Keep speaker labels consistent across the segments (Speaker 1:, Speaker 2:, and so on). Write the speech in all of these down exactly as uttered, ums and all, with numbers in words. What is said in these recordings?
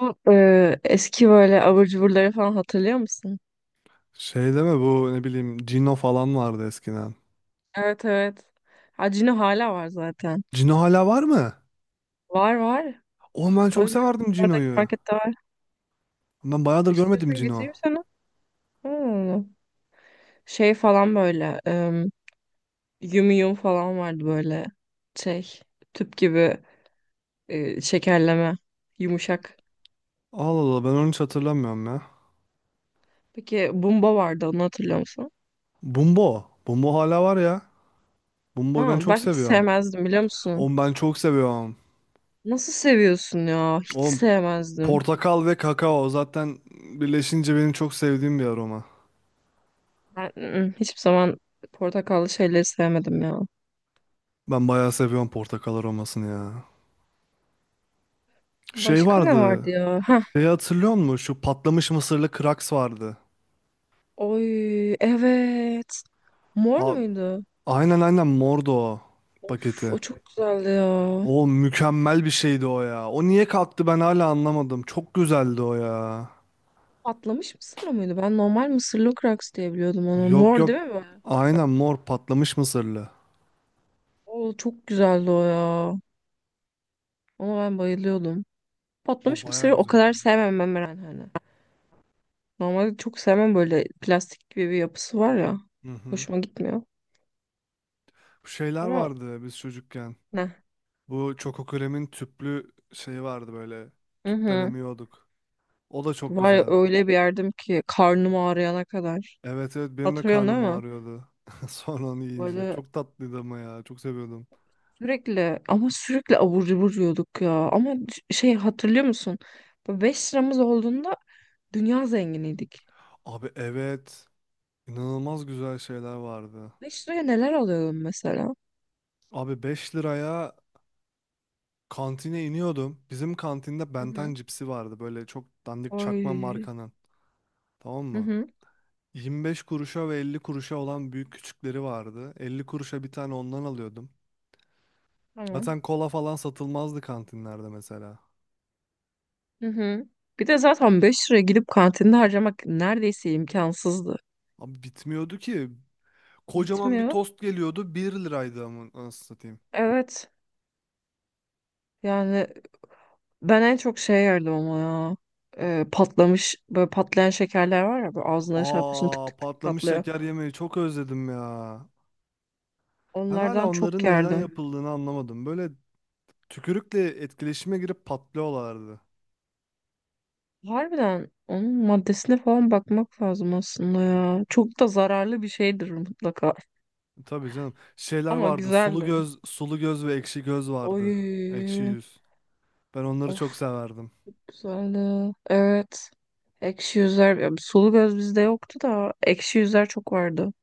Speaker 1: Bu, e, eski böyle abur cuburları falan hatırlıyor musun?
Speaker 2: Şey deme bu ne bileyim Cino falan vardı eskiden.
Speaker 1: Evet, evet. Hacino hala var zaten.
Speaker 2: Cino hala var mı?
Speaker 1: Var, var.
Speaker 2: Oğlum ben çok
Speaker 1: Tabii canım,
Speaker 2: severdim
Speaker 1: bizim oradaki
Speaker 2: Cino'yu.
Speaker 1: markette var.
Speaker 2: Ben bayağıdır görmedim
Speaker 1: İstiyorsan
Speaker 2: Cino.
Speaker 1: getireyim sana. Hmm. Şey falan böyle. Em, yum yum falan vardı böyle. Şey, tüp gibi e, şekerleme. Yumuşak.
Speaker 2: Allah Allah ben onu hiç hatırlamıyorum ya.
Speaker 1: Peki bumba vardı, onu hatırlıyor musun?
Speaker 2: Bumbo. Bumbo hala var ya. Bumbo'yu
Speaker 1: Ha,
Speaker 2: ben çok
Speaker 1: ben hiç
Speaker 2: seviyorum.
Speaker 1: sevmezdim, biliyor musun?
Speaker 2: Oğlum ben çok seviyorum.
Speaker 1: Nasıl seviyorsun ya? Hiç
Speaker 2: Oğlum,
Speaker 1: sevmezdim.
Speaker 2: portakal ve kakao zaten birleşince benim çok sevdiğim bir aroma.
Speaker 1: Ben ı-ı, hiçbir zaman portakallı şeyleri sevmedim ya.
Speaker 2: Ben bayağı seviyorum portakal aromasını ya. Şey
Speaker 1: Başka ne
Speaker 2: vardı.
Speaker 1: vardı ya? Ha,
Speaker 2: Şeyi hatırlıyor musun? Şu patlamış mısırlı kraks vardı.
Speaker 1: oy evet. Mor
Speaker 2: A-
Speaker 1: muydu?
Speaker 2: aynen aynen mordu o
Speaker 1: Of,
Speaker 2: paketi.
Speaker 1: o çok güzeldi ya.
Speaker 2: O mükemmel bir şeydi o ya. O niye kalktı ben hala anlamadım. Çok güzeldi o ya.
Speaker 1: Patlamış mısırlı mıydı? Ben normal mısırlı kraks diye biliyordum onu.
Speaker 2: Yok
Speaker 1: Mor
Speaker 2: yok.
Speaker 1: değil mi?
Speaker 2: Aynen mor patlamış mısırlı.
Speaker 1: O çok güzeldi o ya. Ona ben bayılıyordum.
Speaker 2: O
Speaker 1: Patlamış
Speaker 2: baya
Speaker 1: mısırı o
Speaker 2: güzeldi.
Speaker 1: kadar sevmem ben, Meren, hani. Normalde çok sevmem, böyle plastik gibi bir yapısı var ya.
Speaker 2: Hı hı.
Speaker 1: Hoşuma gitmiyor.
Speaker 2: Bu şeyler
Speaker 1: Ama
Speaker 2: vardı biz çocukken.
Speaker 1: ne?
Speaker 2: Bu Çokokürem'in tüplü şeyi vardı böyle.
Speaker 1: Hı
Speaker 2: Tüpten
Speaker 1: hı.
Speaker 2: emiyorduk. O da çok
Speaker 1: Var ya,
Speaker 2: güzeldi.
Speaker 1: öyle bir yerdim ki karnım ağrıyana kadar.
Speaker 2: Evet evet, benim de
Speaker 1: Hatırlıyorsun değil
Speaker 2: karnım
Speaker 1: mi?
Speaker 2: ağrıyordu. Sonra onu yiyince.
Speaker 1: Böyle
Speaker 2: Çok tatlıydı ama ya. Çok seviyordum.
Speaker 1: sürekli ama sürekli abur cubur yiyorduk ya. Ama c- şey hatırlıyor musun? Beş liramız olduğunda dünya zenginiydik.
Speaker 2: Abi evet. İnanılmaz güzel şeyler vardı.
Speaker 1: Beş liraya neler alıyordum mesela?
Speaker 2: Abi, beş liraya Kantine iniyordum. Bizim kantinde
Speaker 1: Hı
Speaker 2: Benten
Speaker 1: hı.
Speaker 2: cipsi vardı. Böyle çok dandik çakma
Speaker 1: Ay.
Speaker 2: markanın. Tamam
Speaker 1: Hı
Speaker 2: mı?
Speaker 1: hı.
Speaker 2: yirmi beş kuruşa ve elli kuruşa olan büyük küçükleri vardı. elli kuruşa bir tane ondan alıyordum.
Speaker 1: Tamam.
Speaker 2: Zaten kola falan satılmazdı kantinlerde mesela.
Speaker 1: Hı hı. Bir de zaten beş liraya gidip kantinde harcamak neredeyse imkansızdı.
Speaker 2: Abi bitmiyordu ki. Kocaman bir
Speaker 1: Bitmiyor.
Speaker 2: tost geliyordu. bir liraydı ama nasıl satayım.
Speaker 1: Evet. Yani, ben en çok şey yerdim ama ya. Ee, patlamış, böyle patlayan şekerler var ya, böyle ağzına şey yapıyorsun, tık
Speaker 2: Aa,
Speaker 1: tık tık
Speaker 2: patlamış
Speaker 1: patlıyor.
Speaker 2: şeker yemeği çok özledim ya. Ben hala
Speaker 1: Onlardan çok
Speaker 2: onların neden
Speaker 1: yerdim.
Speaker 2: yapıldığını anlamadım. Böyle tükürükle etkileşime girip patlıyorlardı.
Speaker 1: Harbiden onun maddesine falan bakmak lazım aslında ya. Çok da zararlı bir şeydir mutlaka.
Speaker 2: Tabii canım. Şeyler
Speaker 1: Ama
Speaker 2: vardı. Sulu
Speaker 1: güzeldi.
Speaker 2: göz, sulu göz ve ekşi göz vardı. Ekşi
Speaker 1: Oy.
Speaker 2: yüz. Ben onları çok
Speaker 1: Of,
Speaker 2: severdim.
Speaker 1: güzeldi. Evet. Ekşi yüzler. Ya, sulu göz bizde yoktu da ekşi yüzler çok vardı.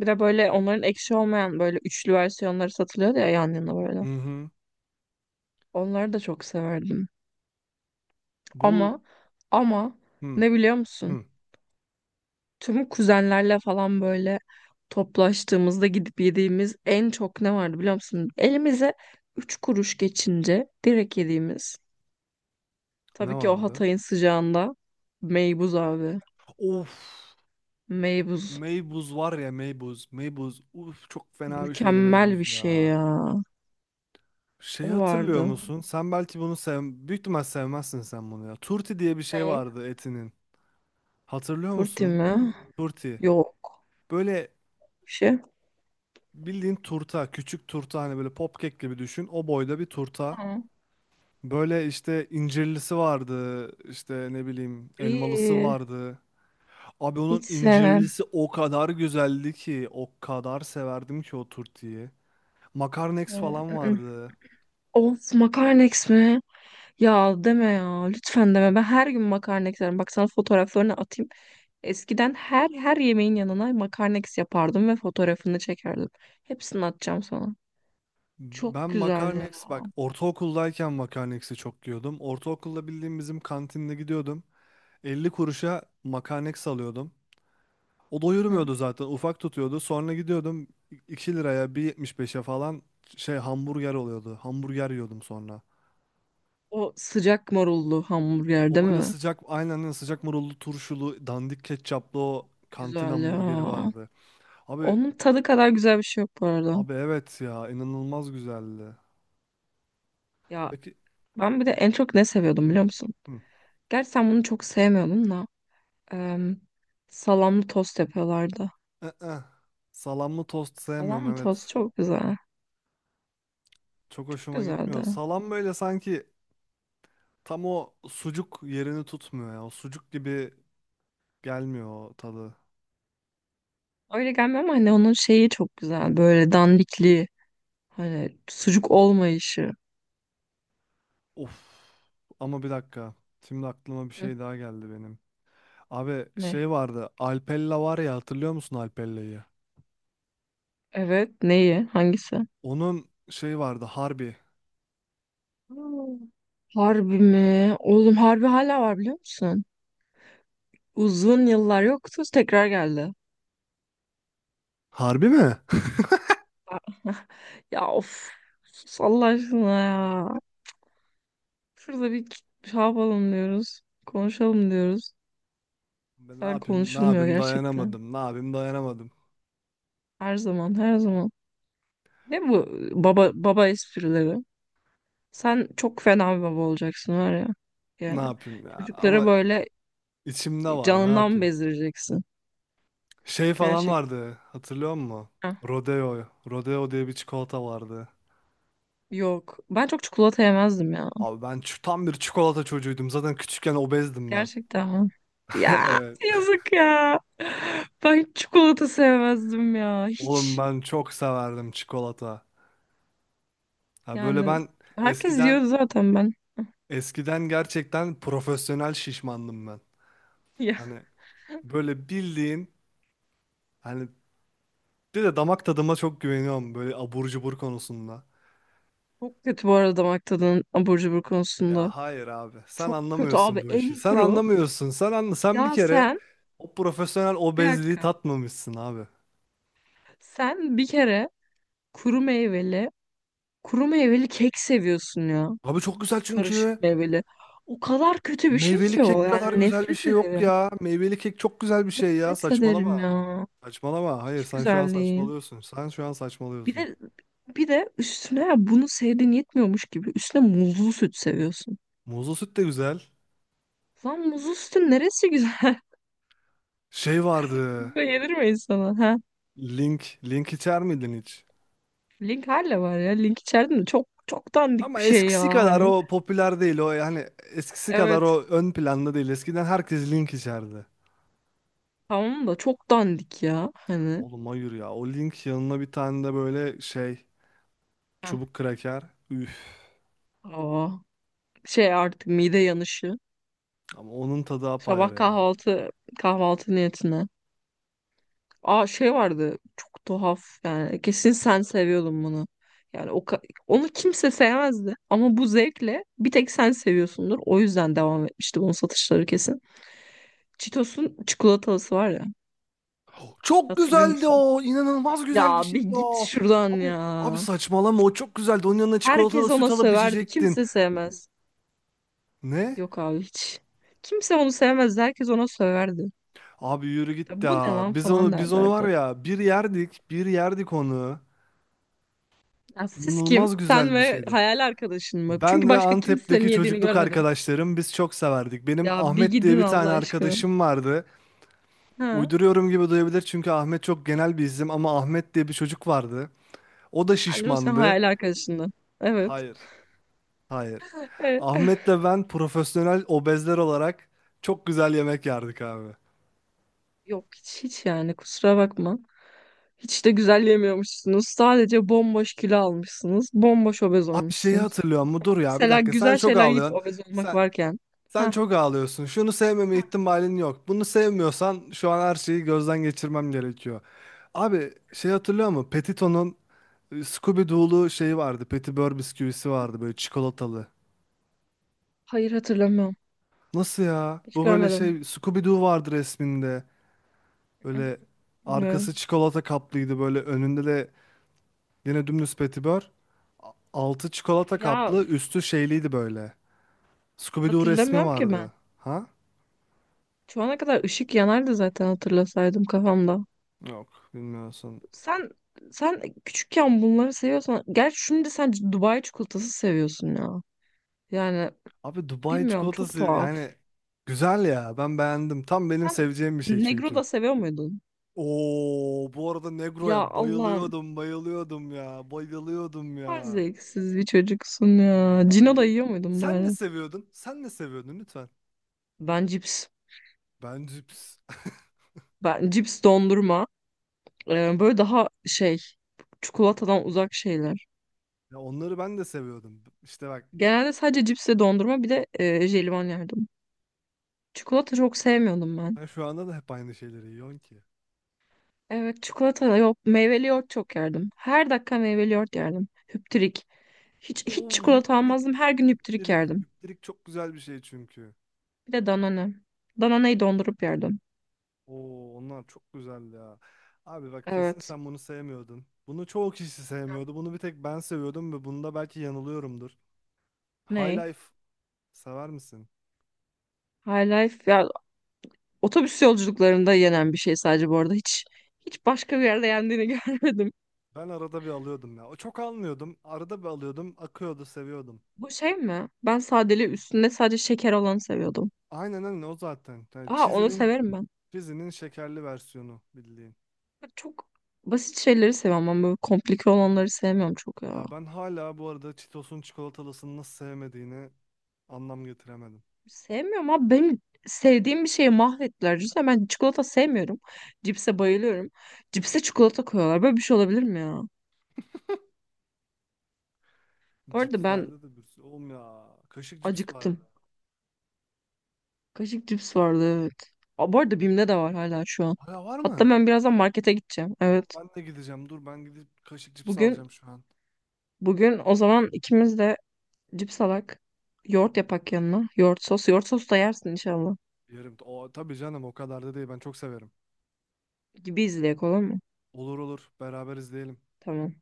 Speaker 1: Bir de böyle onların ekşi olmayan böyle üçlü versiyonları satılıyordu ya, yan yana böyle.
Speaker 2: Hı hı.
Speaker 1: Onları da çok severdim.
Speaker 2: Bu
Speaker 1: Ama ama
Speaker 2: hı
Speaker 1: ne biliyor musun?
Speaker 2: hı.
Speaker 1: Tüm kuzenlerle falan böyle toplaştığımızda gidip yediğimiz en çok ne vardı biliyor musun? Elimize üç kuruş geçince direkt yediğimiz.
Speaker 2: Ne
Speaker 1: Tabii ki o
Speaker 2: vardı?
Speaker 1: Hatay'ın sıcağında meybuz abi.
Speaker 2: Of.
Speaker 1: Meybuz.
Speaker 2: Meybuz var ya, Meybuz. Meybuz. Uf, çok fena bir şeydi
Speaker 1: Mükemmel bir
Speaker 2: Meybuz
Speaker 1: şey
Speaker 2: ya.
Speaker 1: ya.
Speaker 2: Şeyi
Speaker 1: O
Speaker 2: hatırlıyor
Speaker 1: vardı.
Speaker 2: musun? Sen belki bunu sev... Büyük ihtimal sevmezsin sen bunu ya. Turti diye bir şey
Speaker 1: Ne?
Speaker 2: vardı etinin. Hatırlıyor
Speaker 1: Turti
Speaker 2: musun?
Speaker 1: mi?
Speaker 2: Turti.
Speaker 1: Yok.
Speaker 2: Böyle
Speaker 1: Bir şey.
Speaker 2: bildiğin turta. Küçük turta, hani böyle popkek gibi düşün. O boyda bir turta.
Speaker 1: Ha.
Speaker 2: Böyle işte incirlisi vardı, işte ne bileyim elmalısı
Speaker 1: İyi.
Speaker 2: vardı. Abi, onun
Speaker 1: Hiç sevmem.
Speaker 2: incirlisi o kadar güzeldi ki, o kadar severdim ki o turtiyi. Makarnex
Speaker 1: Onu-
Speaker 2: falan
Speaker 1: ı-ı.
Speaker 2: vardı.
Speaker 1: Of, makarnex mi? Ya deme ya. Lütfen deme. Ben her gün makarna isterim. Bak, sana fotoğraflarını atayım. Eskiden her her yemeğin yanına makarna eks yapardım ve fotoğrafını çekerdim. Hepsini atacağım sana. Çok
Speaker 2: Ben
Speaker 1: güzel ya.
Speaker 2: Makarnex, bak, ortaokuldayken Makarnex'i çok yiyordum. Ortaokulda bildiğim bizim kantinde gidiyordum. Elli kuruşa Makarnex alıyordum. O
Speaker 1: Hı.
Speaker 2: doyurmuyordu zaten, ufak tutuyordu. Sonra gidiyordum iki liraya, bir yetmiş beşe falan şey hamburger oluyordu. Hamburger yiyordum sonra.
Speaker 1: O sıcak marullu hamburger değil
Speaker 2: O böyle
Speaker 1: mi?
Speaker 2: sıcak, aynen öyle, sıcak marullu turşulu dandik ketçaplı o kantin
Speaker 1: Güzel
Speaker 2: hamburgeri
Speaker 1: ya.
Speaker 2: vardı. Abi
Speaker 1: Onun tadı kadar güzel bir şey yok bu arada.
Speaker 2: abi, evet ya, inanılmaz güzeldi.
Speaker 1: Ya,
Speaker 2: Peki.
Speaker 1: ben bir de en çok ne seviyordum
Speaker 2: Hı,
Speaker 1: biliyor musun?
Speaker 2: hı.
Speaker 1: Gerçi sen bunu çok sevmiyordun da. em, Salamlı tost yapıyorlardı.
Speaker 2: ı Salamlı tost sevmiyorum,
Speaker 1: Salamlı tost
Speaker 2: evet.
Speaker 1: çok güzel.
Speaker 2: Çok
Speaker 1: Çok
Speaker 2: hoşuma gitmiyor.
Speaker 1: güzeldi.
Speaker 2: Salam böyle sanki tam o sucuk yerini tutmuyor ya. O sucuk gibi gelmiyor o tadı.
Speaker 1: Öyle gelmiyor ama hani onun şeyi çok güzel. Böyle dandikliği. Hani sucuk olmayışı.
Speaker 2: Of. Ama bir dakika. Şimdi aklıma bir
Speaker 1: Hı,
Speaker 2: şey daha geldi benim. Abi
Speaker 1: ne?
Speaker 2: şey vardı. Alpella var ya, hatırlıyor musun Alpella'yı?
Speaker 1: Evet. Neyi? Hangisi?
Speaker 2: Onun şey vardı, Harbi.
Speaker 1: Hmm. Harbi mi? Oğlum, harbi hala var, biliyor musun? Uzun yıllar yoktu. Tekrar geldi.
Speaker 2: Harbi mi?
Speaker 1: Ya, of. Sus Allah aşkına ya. Şurada bir şey yapalım diyoruz. Konuşalım diyoruz.
Speaker 2: Ben ne
Speaker 1: Sen,
Speaker 2: yapayım, ne
Speaker 1: konuşulmuyor
Speaker 2: yapayım,
Speaker 1: gerçekten.
Speaker 2: dayanamadım. Ne yapayım, dayanamadım.
Speaker 1: Her zaman her zaman. Ne bu baba baba esprileri? Sen çok fena bir baba olacaksın var ya.
Speaker 2: Ne
Speaker 1: Yani,
Speaker 2: yapayım ya.
Speaker 1: çocuklara
Speaker 2: Ama
Speaker 1: böyle
Speaker 2: içimde var, ne
Speaker 1: canından
Speaker 2: yapayım.
Speaker 1: bezdireceksin.
Speaker 2: Şey falan
Speaker 1: Gerçekten.
Speaker 2: vardı, hatırlıyor musun?
Speaker 1: Heh,
Speaker 2: Rodeo. Rodeo diye bir çikolata vardı.
Speaker 1: yok. Ben çok çikolata yemezdim ya.
Speaker 2: Abi ben ç- tam bir çikolata çocuğuydum. Zaten küçükken obezdim ben.
Speaker 1: Gerçekten mi? Ya,
Speaker 2: Evet.
Speaker 1: yazık ya. Ben hiç çikolata sevmezdim ya.
Speaker 2: Oğlum
Speaker 1: Hiç.
Speaker 2: ben çok severdim çikolata. Ha böyle
Speaker 1: Yani,
Speaker 2: ben
Speaker 1: herkes
Speaker 2: eskiden
Speaker 1: diyordu zaten ben.
Speaker 2: eskiden gerçekten profesyonel şişmandım ben.
Speaker 1: Ya,
Speaker 2: Hani böyle bildiğin hani. Bir de damak tadıma çok güveniyorum böyle abur cubur konusunda.
Speaker 1: çok kötü bu arada damak tadının abur cubur
Speaker 2: Ya
Speaker 1: konusunda.
Speaker 2: hayır abi. Sen
Speaker 1: Çok kötü
Speaker 2: anlamıyorsun
Speaker 1: abi,
Speaker 2: bu işi.
Speaker 1: en
Speaker 2: Sen
Speaker 1: kuru.
Speaker 2: anlamıyorsun. Sen anla. Sen bir
Speaker 1: Ya
Speaker 2: kere
Speaker 1: sen,
Speaker 2: o profesyonel
Speaker 1: bir
Speaker 2: obezliği
Speaker 1: dakika.
Speaker 2: tatmamışsın abi.
Speaker 1: Sen bir kere kuru meyveli, kuru meyveli kek seviyorsun ya.
Speaker 2: Abi çok güzel
Speaker 1: Karışık
Speaker 2: çünkü.
Speaker 1: meyveli. O kadar kötü bir şey
Speaker 2: Meyveli
Speaker 1: ki o.
Speaker 2: kek kadar
Speaker 1: Yani
Speaker 2: güzel bir
Speaker 1: nefret
Speaker 2: şey yok
Speaker 1: ederim.
Speaker 2: ya. Meyveli kek çok güzel bir şey ya.
Speaker 1: Nefret ederim
Speaker 2: Saçmalama.
Speaker 1: ya.
Speaker 2: Saçmalama. Hayır,
Speaker 1: Hiç
Speaker 2: sen şu an
Speaker 1: güzel değil.
Speaker 2: saçmalıyorsun. Sen şu an
Speaker 1: Bir
Speaker 2: saçmalıyorsun.
Speaker 1: de bir de üstüne bunu sevdiğin yetmiyormuş gibi üstüne muzlu süt seviyorsun.
Speaker 2: Muzlu süt de güzel.
Speaker 1: Lan, muzlu sütün neresi güzel?
Speaker 2: Şey vardı.
Speaker 1: Böyle yenir mi insana? Ha?
Speaker 2: Link. Link içer miydin hiç?
Speaker 1: Link hala var ya. Link içeride de çok çok dandik
Speaker 2: Ama
Speaker 1: bir şey ya
Speaker 2: eskisi kadar
Speaker 1: hani.
Speaker 2: o popüler değil o, yani eskisi kadar o
Speaker 1: Evet.
Speaker 2: ön planda değil. Eskiden herkes Link içerdi.
Speaker 1: Tamam da çok dandik ya hani.
Speaker 2: Oğlum hayır ya, o Link yanına bir tane de böyle şey,
Speaker 1: Heh.
Speaker 2: çubuk kraker. Üf,
Speaker 1: Aa, şey, artık mide yanışı.
Speaker 2: ama onun tadı
Speaker 1: Sabah
Speaker 2: apayrı yani.
Speaker 1: kahvaltı kahvaltı niyetine. Aa, şey vardı, çok tuhaf, yani kesin sen seviyordun bunu. Yani o ka- Onu kimse sevmezdi ama bu zevkle bir tek sen seviyorsundur. O yüzden devam etmişti bunun satışları kesin. Cheetos'un çikolatalısı var ya,
Speaker 2: Çok
Speaker 1: hatırlıyor
Speaker 2: güzeldi
Speaker 1: musun?
Speaker 2: o. İnanılmaz güzel bir
Speaker 1: Ya bir
Speaker 2: şeydi
Speaker 1: git
Speaker 2: o.
Speaker 1: şuradan
Speaker 2: Abi abi,
Speaker 1: ya.
Speaker 2: saçmalama, o çok güzeldi. Onun yanına çikolatalı
Speaker 1: Herkes
Speaker 2: süt
Speaker 1: ona
Speaker 2: alıp
Speaker 1: söverdi,
Speaker 2: içecektin.
Speaker 1: kimse sevmez.
Speaker 2: Ne?
Speaker 1: Yok abi, hiç. Kimse onu sevmezdi, herkes ona söverdi.
Speaker 2: Abi yürü
Speaker 1: Ya,
Speaker 2: git
Speaker 1: bu ne
Speaker 2: ya.
Speaker 1: lan,
Speaker 2: Biz
Speaker 1: falan
Speaker 2: onu biz onu var
Speaker 1: derlerdi.
Speaker 2: ya, bir yerdik, bir yerdik onu.
Speaker 1: Ya, siz kim?
Speaker 2: İnanılmaz
Speaker 1: Sen
Speaker 2: güzel bir
Speaker 1: ve
Speaker 2: şeydi.
Speaker 1: hayal arkadaşın mı? Çünkü
Speaker 2: Ben ve
Speaker 1: başka kimsenin
Speaker 2: Antep'teki
Speaker 1: yediğini
Speaker 2: çocukluk
Speaker 1: görmedim.
Speaker 2: arkadaşlarım biz çok severdik. Benim
Speaker 1: Ya bir
Speaker 2: Ahmet diye
Speaker 1: gidin
Speaker 2: bir
Speaker 1: Allah
Speaker 2: tane
Speaker 1: aşkına.
Speaker 2: arkadaşım vardı.
Speaker 1: Ha.
Speaker 2: Uyduruyorum gibi duyabilir çünkü Ahmet çok genel bir isim ama Ahmet diye bir çocuk vardı. O da
Speaker 1: Bence o senin
Speaker 2: şişmandı.
Speaker 1: hayal arkadaşındı. Evet.
Speaker 2: Hayır. Hayır.
Speaker 1: Evet.
Speaker 2: Ahmet'le ben profesyonel obezler olarak çok güzel yemek yerdik abi.
Speaker 1: Yok, hiç hiç yani, kusura bakma. Hiç de güzel yemiyormuşsunuz. Sadece bomboş kilo almışsınız. Bomboş obez
Speaker 2: Abi şeyi
Speaker 1: olmuşsunuz.
Speaker 2: hatırlıyor mu? Dur ya, bir
Speaker 1: Mesela
Speaker 2: dakika, sen
Speaker 1: güzel
Speaker 2: çok
Speaker 1: şeyler yiyip
Speaker 2: ağlıyorsun.
Speaker 1: obez olmak
Speaker 2: Sen
Speaker 1: varken.
Speaker 2: Sen
Speaker 1: Ha.
Speaker 2: çok ağlıyorsun. Şunu sevmeme ihtimalin yok. Bunu sevmiyorsan şu an her şeyi gözden geçirmem gerekiyor. Abi şey hatırlıyor musun? Petito'nun e, Scooby-Doo'lu şeyi vardı. Petibör bisküvisi vardı böyle, çikolatalı.
Speaker 1: Hayır, hatırlamıyorum.
Speaker 2: Nasıl ya?
Speaker 1: Hiç
Speaker 2: Bu böyle şey,
Speaker 1: görmedim.
Speaker 2: Scooby-Doo vardı resminde. Böyle
Speaker 1: Bilmiyorum.
Speaker 2: arkası çikolata kaplıydı, böyle önünde de yine dümdüz Petibör. A- Altı çikolata
Speaker 1: Ya,
Speaker 2: kaplı, üstü şeyliydi böyle. Scooby-Doo resmi
Speaker 1: hatırlamıyorum ki
Speaker 2: vardı.
Speaker 1: ben.
Speaker 2: Ha?
Speaker 1: Şu ana kadar ışık yanardı zaten, hatırlasaydım kafamda.
Speaker 2: Yok, bilmiyorsun.
Speaker 1: Sen sen küçükken bunları seviyorsan, gerçi şimdi sen Dubai çikolatası seviyorsun ya. Yani
Speaker 2: Abi Dubai
Speaker 1: bilmiyorum, çok
Speaker 2: çikolatası
Speaker 1: tuhaf.
Speaker 2: yani güzel ya. Ben beğendim. Tam benim
Speaker 1: Sen
Speaker 2: seveceğim bir şey
Speaker 1: Negro
Speaker 2: çünkü.
Speaker 1: da seviyor muydun?
Speaker 2: Oo, bu arada
Speaker 1: Ya,
Speaker 2: Negro'ya
Speaker 1: Allah'ım.
Speaker 2: bayılıyordum, bayılıyordum ya. Bayılıyordum
Speaker 1: Her
Speaker 2: ya.
Speaker 1: zevksiz bir çocuksun ya.
Speaker 2: Ya
Speaker 1: Cino da
Speaker 2: yürü.
Speaker 1: yiyor muydun
Speaker 2: sen ne
Speaker 1: bari?
Speaker 2: seviyordun? Sen ne seviyordun lütfen?
Speaker 1: Ben cips.
Speaker 2: Ben cips.
Speaker 1: Ben cips, dondurma. Ee, böyle daha şey, çikolatadan uzak şeyler.
Speaker 2: Ya onları ben de seviyordum. İşte bak,
Speaker 1: Genelde sadece cips ve dondurma, bir de e, jelibon yerdim. Çikolata çok sevmiyordum ben.
Speaker 2: ben şu anda da hep aynı şeyleri yiyorum ki.
Speaker 1: Evet, çikolata yok, meyveli yoğurt çok yerdim. Her dakika meyveli yoğurt yerdim. Hüptürik. Hiç hiç
Speaker 2: Oo,
Speaker 1: çikolata
Speaker 2: hüpterik.
Speaker 1: almazdım. Her gün hüptürik
Speaker 2: Hüpterik.
Speaker 1: yerdim.
Speaker 2: Hüpterik çok güzel bir şey çünkü.
Speaker 1: Bir de Danone. Danone'yi dondurup yerdim.
Speaker 2: Oo, onlar çok güzeldi ya. Abi bak, kesin
Speaker 1: Evet.
Speaker 2: sen bunu sevmiyordun. Bunu çoğu kişi sevmiyordu. Bunu bir tek ben seviyordum ve bunda belki yanılıyorumdur. High
Speaker 1: Ney?
Speaker 2: Life sever misin?
Speaker 1: High Life ya, otobüs yolculuklarında yenen bir şey sadece bu arada. Hiç hiç başka bir yerde yendiğini görmedim.
Speaker 2: Ben arada bir alıyordum ya. O çok almıyordum. Arada bir alıyordum. Akıyordu, seviyordum.
Speaker 1: Bu şey mi? Ben sadeli, üstünde sadece şeker olanı seviyordum.
Speaker 2: Aynen aynen o zaten. Yani
Speaker 1: Aa, onu
Speaker 2: Cheezy'nin
Speaker 1: severim ben.
Speaker 2: Cheezy'nin şekerli versiyonu bildiğin.
Speaker 1: Çok basit şeyleri seviyorum ama böyle komplike olanları sevmiyorum çok ya.
Speaker 2: Ya, ben hala bu arada Cheetos'un çikolatalısını nasıl sevmediğini anlam getiremedim.
Speaker 1: Sevmiyorum abi. Benim sevdiğim bir şeyi mahvettiler. Düşünsene, ben çikolata sevmiyorum. Cipse bayılıyorum. Cipse çikolata koyuyorlar. Böyle bir şey olabilir mi ya? Bu arada ben
Speaker 2: Cipslerde de bir sürü. Oğlum ya. Kaşık cips vardı.
Speaker 1: acıktım. Kaşık cips vardı, evet. Aa, bu arada Bim'de de var hala şu an.
Speaker 2: Hala var
Speaker 1: Hatta
Speaker 2: mı?
Speaker 1: ben birazdan markete gideceğim. Evet.
Speaker 2: Ben de gideceğim. Dur, ben gidip kaşık cips
Speaker 1: Bugün
Speaker 2: alacağım şu an.
Speaker 1: bugün o zaman ikimiz de cips alak. Yoğurt yapak yanına. Yoğurt sos. Yoğurt sos da yersin inşallah.
Speaker 2: Yerim. O, tabii canım, o kadar da değil. Ben çok severim.
Speaker 1: Gibi izleyek olur mu?
Speaker 2: Olur olur. Beraber izleyelim.
Speaker 1: Tamam.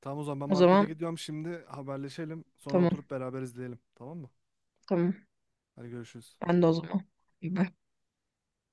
Speaker 2: Tamam, o zaman ben
Speaker 1: O
Speaker 2: markete
Speaker 1: zaman
Speaker 2: gidiyorum şimdi. Haberleşelim. Sonra
Speaker 1: tamam.
Speaker 2: oturup beraber izleyelim. Tamam mı?
Speaker 1: Tamam.
Speaker 2: Hadi görüşürüz.
Speaker 1: Ben de o zaman. Bye.